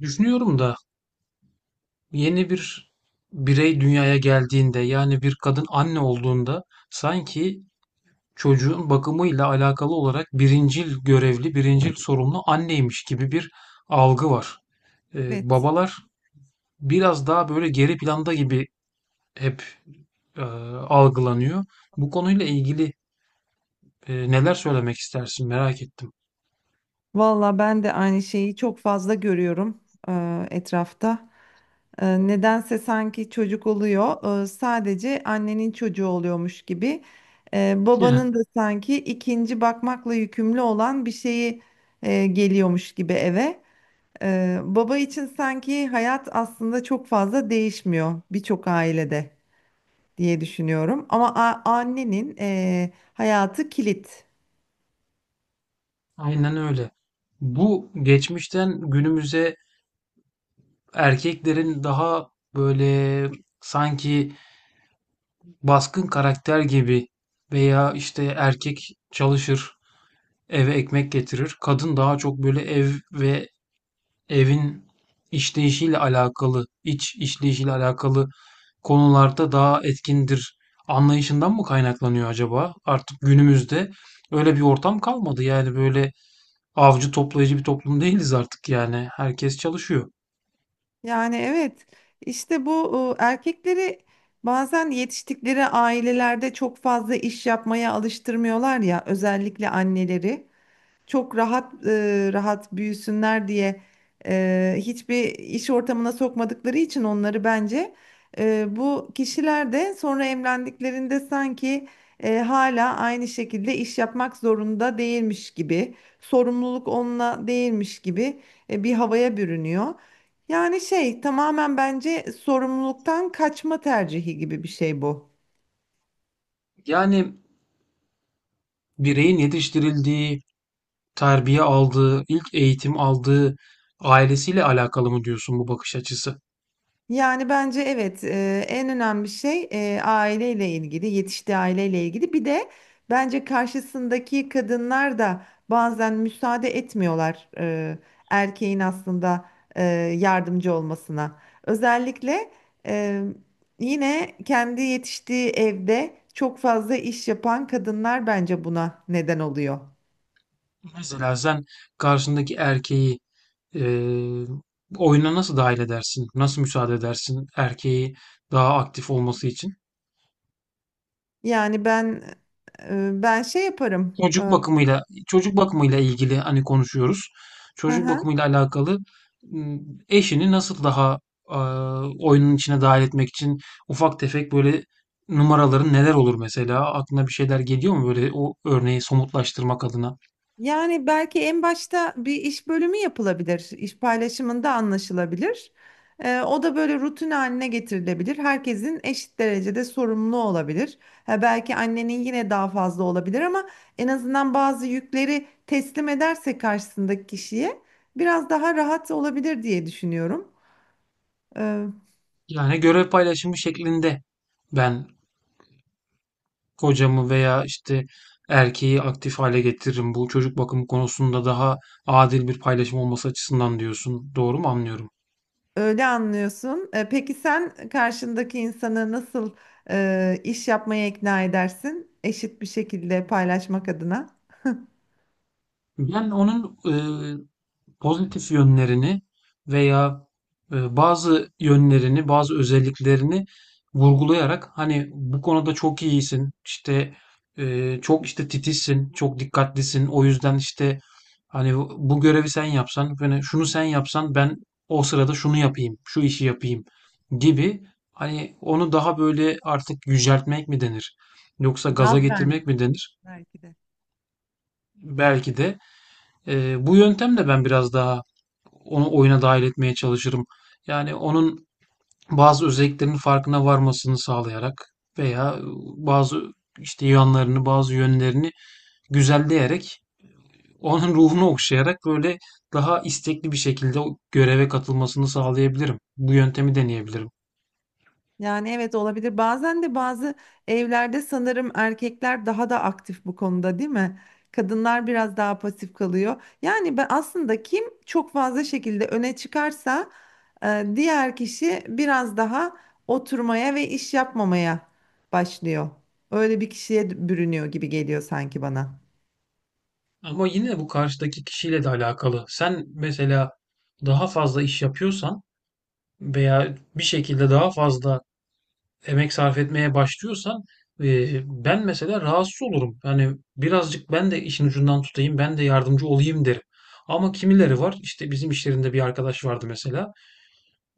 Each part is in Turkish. Düşünüyorum da yeni bir birey dünyaya geldiğinde yani bir kadın anne olduğunda sanki çocuğun bakımıyla alakalı olarak birincil görevli, birincil sorumlu anneymiş gibi bir algı var. Evet. Babalar biraz daha böyle geri planda gibi hep e, algılanıyor. Bu konuyla ilgili neler söylemek istersin merak ettim. Valla ben de aynı şeyi çok fazla görüyorum etrafta. Nedense sanki çocuk oluyor, sadece annenin çocuğu oluyormuş gibi. Babanın da sanki ikinci bakmakla yükümlü olan bir şeyi geliyormuş gibi eve. Baba için sanki hayat aslında çok fazla değişmiyor birçok ailede diye düşünüyorum. Ama annenin hayatı kilit. Aynen öyle. Bu geçmişten günümüze erkeklerin daha böyle sanki baskın karakter gibi veya işte erkek çalışır, eve ekmek getirir. Kadın daha çok böyle ev ve evin işleyişiyle alakalı, iç işleyişiyle alakalı konularda daha etkindir. Anlayışından mı kaynaklanıyor acaba? Artık günümüzde öyle bir ortam kalmadı. Yani böyle avcı toplayıcı bir toplum değiliz artık yani. Herkes çalışıyor. Yani evet, işte bu erkekleri bazen yetiştikleri ailelerde çok fazla iş yapmaya alıştırmıyorlar ya, özellikle anneleri çok rahat rahat büyüsünler diye hiçbir iş ortamına sokmadıkları için onları, bence bu kişiler de sonra evlendiklerinde sanki hala aynı şekilde iş yapmak zorunda değilmiş gibi, sorumluluk onunla değilmiş gibi bir havaya bürünüyor. Yani şey, tamamen bence sorumluluktan kaçma tercihi gibi bir şey bu. Yani bireyin yetiştirildiği, terbiye aldığı, ilk eğitim aldığı ailesiyle alakalı mı diyorsun bu bakış açısı? Yani bence evet, en önemli şey aileyle ilgili, yetiştiği aileyle ilgili. Bir de bence karşısındaki kadınlar da bazen müsaade etmiyorlar erkeğin aslında e, yardımcı olmasına. Özellikle e, yine kendi yetiştiği evde çok fazla iş yapan kadınlar bence buna neden oluyor. Mesela sen karşındaki erkeği eee oyuna nasıl dahil edersin? Nasıl müsaade edersin erkeği daha aktif olması için? Yani ben ben şey yaparım. Çocuk E, bakımıyla çocuk bakımıyla ilgili hani konuşuyoruz. hı Çocuk hı. bakımıyla alakalı eşini nasıl daha oyunun içine dahil etmek için ufak tefek böyle numaraların neler olur mesela? Aklına bir şeyler geliyor mu böyle o örneği somutlaştırmak adına? Yani belki en başta bir iş bölümü yapılabilir, iş paylaşımında anlaşılabilir. O da böyle rutin haline getirilebilir. Herkesin eşit derecede sorumlu olabilir. Ha, belki annenin yine daha fazla olabilir ama en azından bazı yükleri teslim ederse karşısındaki kişiye biraz daha rahat olabilir diye düşünüyorum. Ee, Yani görev paylaşımı şeklinde ben kocamı veya, işte, erkeği aktif hale getiririm. Bu çocuk bakımı konusunda daha adil bir paylaşım olması açısından diyorsun. Doğru mu anlıyorum? Öyle anlıyorsun. Peki sen karşındaki insanı nasıl iş yapmaya ikna edersin? Eşit bir şekilde paylaşmak adına. Ben onun, pozitif yönlerini veya bazı yönlerini, bazı özelliklerini vurgulayarak hani bu konuda çok iyisin, işte çok işte titizsin, çok dikkatlisin. O yüzden işte hani bu görevi sen yapsan, hani şunu sen yapsan ben o sırada şunu yapayım, şu işi yapayım gibi hani onu daha böyle artık yüceltmek mi denir? Yoksa gaza Gaz verme. getirmek mi denir? Belki de. Belki de bu yöntemle ben biraz daha onu oyuna dahil etmeye çalışırım. Yani onun bazı özelliklerinin farkına varmasını sağlayarak veya bazı işte yanlarını, bazı yönlerini güzelleyerek onun ruhunu okşayarak böyle daha istekli bir şekilde o göreve katılmasını sağlayabilirim. Bu yöntemi deneyebilirim. Yani evet, olabilir. Bazen de bazı evlerde sanırım erkekler daha da aktif bu konuda, değil mi? Kadınlar biraz daha pasif kalıyor. Yani ben aslında kim çok fazla şekilde öne çıkarsa diğer kişi biraz daha oturmaya ve iş yapmamaya başlıyor. Öyle bir kişiye bürünüyor gibi geliyor sanki bana. Ama yine bu karşıdaki kişiyle de alakalı. Sen mesela daha fazla iş yapıyorsan veya bir şekilde daha fazla emek sarf etmeye başlıyorsan e, ben mesela rahatsız olurum. Yani birazcık ben de işin ucundan tutayım, ben de yardımcı olayım derim. Ama kimileri var işte bizim işlerinde bir arkadaş vardı mesela.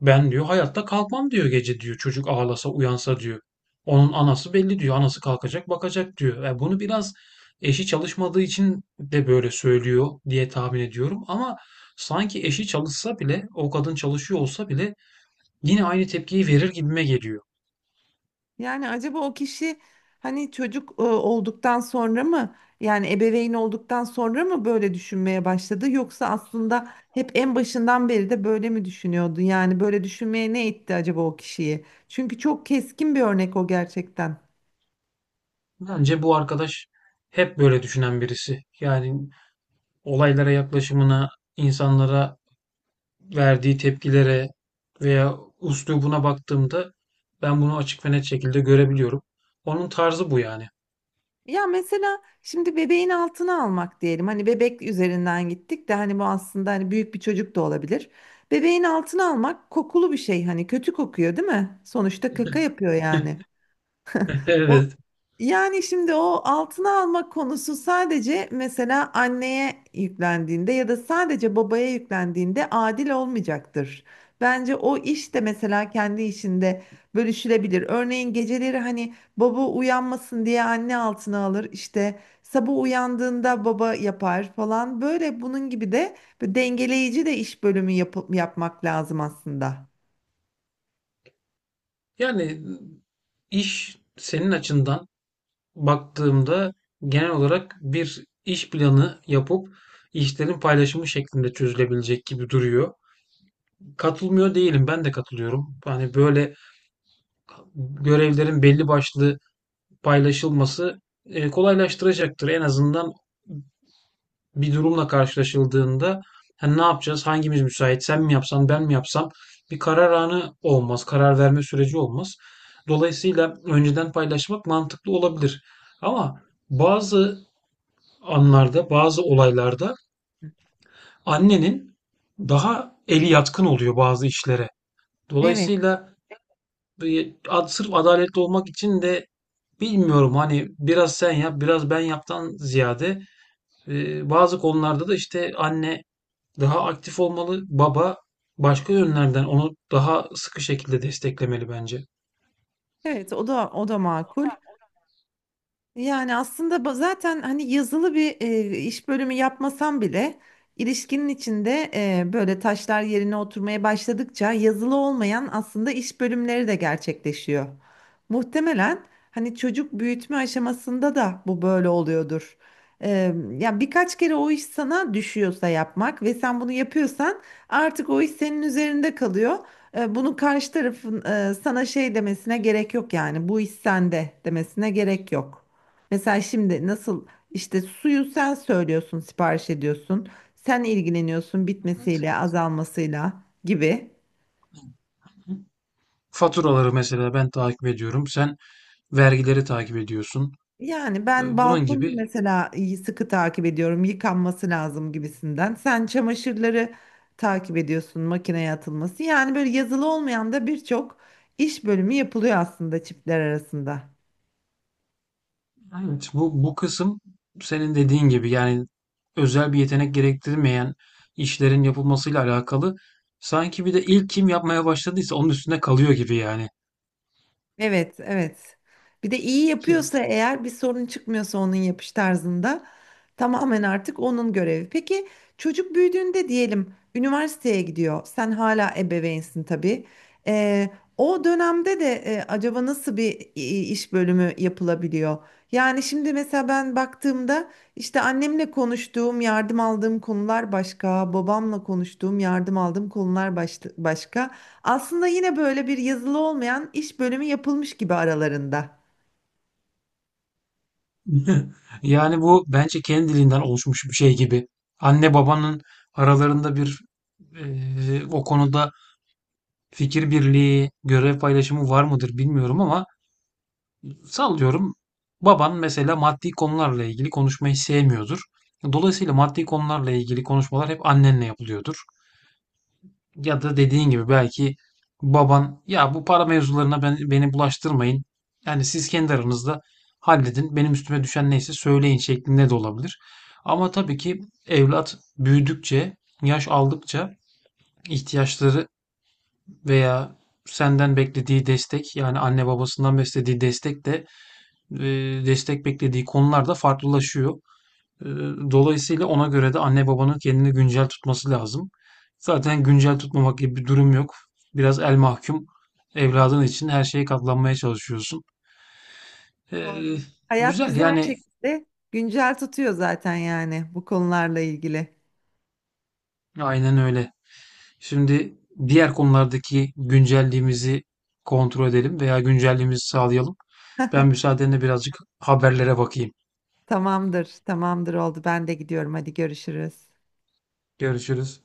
Ben diyor hayatta kalkmam diyor gece diyor çocuk ağlasa uyansa diyor. Onun anası belli diyor. Anası kalkacak bakacak diyor. Yani bunu biraz eşi çalışmadığı için de böyle söylüyor diye tahmin ediyorum. Ama sanki eşi çalışsa bile o kadın çalışıyor olsa bile yine aynı tepkiyi verir gibime geliyor. Yani acaba o kişi hani çocuk olduktan sonra mı, yani ebeveyn olduktan sonra mı böyle düşünmeye başladı, yoksa aslında hep en başından beri de böyle mi düşünüyordu? Yani böyle düşünmeye ne itti acaba o kişiyi? Çünkü çok keskin bir örnek o gerçekten. Bence bu arkadaş hep böyle düşünen birisi. Yani olaylara yaklaşımına, insanlara verdiği tepkilere veya üslubuna baktığımda ben bunu açık ve net şekilde görebiliyorum. Onun tarzı bu yani. Ya mesela şimdi bebeğin altına almak diyelim. Hani bebek üzerinden gittik de hani bu aslında hani büyük bir çocuk da olabilir. Bebeğin altına almak kokulu bir şey, hani kötü kokuyor değil mi? Sonuçta kaka yapıyor yani. O, Evet. yani şimdi o altına almak konusu sadece mesela anneye yüklendiğinde ya da sadece babaya yüklendiğinde adil olmayacaktır. Bence o iş de mesela kendi işinde bölüşülebilir. Örneğin geceleri hani baba uyanmasın diye anne altına alır, işte sabah uyandığında baba yapar falan. Böyle bunun gibi de bir dengeleyici de iş bölümü yapmak lazım aslında. Yani iş senin açından baktığımda genel olarak bir iş planı yapıp işlerin paylaşımı şeklinde çözülebilecek gibi duruyor. Katılmıyor değilim. Ben de katılıyorum. Hani böyle görevlerin belli başlı paylaşılması, kolaylaştıracaktır. En azından bir durumla karşılaşıldığında, hani, ne yapacağız, hangimiz müsait, sen mi yapsan, ben mi yapsam bir karar anı olmaz, karar verme süreci olmaz. Dolayısıyla önceden paylaşmak mantıklı olabilir ama bazı anlarda, bazı olaylarda annenin daha eli yatkın oluyor bazı işlere. Evet, Dolayısıyla sırf adaletli olmak için de bilmiyorum hani biraz sen yap biraz ben yaptan ziyade bazı konularda da işte anne daha aktif olmalı baba başka yönlerden onu daha sıkı şekilde desteklemeli bence. evet, o da o da makul. Yani aslında zaten hani yazılı bir iş bölümü yapmasam bile ilişkinin içinde böyle taşlar yerine oturmaya başladıkça yazılı olmayan aslında iş bölümleri de gerçekleşiyor. Muhtemelen hani çocuk büyütme aşamasında da bu böyle oluyordur. E, Ya birkaç kere o iş sana düşüyorsa yapmak ve sen bunu yapıyorsan artık o iş senin üzerinde kalıyor. Bunu karşı tarafın sana şey demesine gerek yok, yani bu iş sende demesine gerek yok. Mesela şimdi nasıl işte suyu sen söylüyorsun, sipariş ediyorsun. Sen ilgileniyorsun bitmesiyle, azalmasıyla gibi. Faturaları mesela ben takip ediyorum sen vergileri takip ediyorsun. Yani ben E, bunun balkonu gibi. mesela sıkı takip ediyorum. Yıkanması lazım gibisinden. Sen çamaşırları takip ediyorsun, makineye atılması. Yani böyle yazılı olmayan da birçok iş bölümü yapılıyor aslında çiftler arasında. Evet, bu kısım senin dediğin gibi yani özel bir yetenek gerektirmeyen işlerin yapılmasıyla alakalı. Sanki bir de ilk kim yapmaya başladıysa onun üstüne kalıyor gibi yani. Evet, evet. Bir de iyi yapıyorsa, eğer bir sorun çıkmıyorsa onun yapış tarzında, tamamen artık onun görevi. Peki çocuk büyüdüğünde diyelim üniversiteye gidiyor. Sen hala ebeveynsin tabii. Ee, O dönemde de acaba nasıl bir iş bölümü yapılabiliyor? Yani şimdi mesela ben baktığımda işte annemle konuştuğum, yardım aldığım konular başka, babamla konuştuğum, yardım aldığım konular başka. Aslında yine böyle bir yazılı olmayan iş bölümü yapılmış gibi aralarında. Yani bu bence kendiliğinden oluşmuş bir şey gibi. Anne babanın aralarında bir o konuda fikir birliği, görev paylaşımı var mıdır bilmiyorum ama sallıyorum. Baban mesela maddi konularla ilgili konuşmayı sevmiyordur. Dolayısıyla maddi konularla ilgili konuşmalar hep annenle yapılıyordur. Ya da dediğin gibi belki baban ya bu para mevzularına beni bulaştırmayın. Yani siz kendi aranızda halledin. Benim üstüme düşen neyse söyleyin şeklinde de olabilir. Ama tabii ki evlat büyüdükçe, yaş aldıkça ihtiyaçları veya senden beklediği destek yani anne babasından beklediği e, destek beklediği konular da farklılaşıyor. E, Dolayısıyla ona göre de anne babanın kendini güncel tutması lazım. Zaten güncel tutmamak gibi bir durum yok. Biraz el mahkum Evet, evladın için her şeye katlanmaya çalışıyorsun. E, doğru. Hayat Güzel bizi her yani, şekilde güncel tutuyor zaten yani bu konularla ilgili. aynen öyle. Şimdi diğer konulardaki güncelliğimizi kontrol edelim veya güncelliğimizi sağlayalım. Ben müsaadenle birazcık haberlere bakayım. Tamamdır, tamamdır, oldu. Ben de gidiyorum. Hadi görüşürüz. Görüşürüz.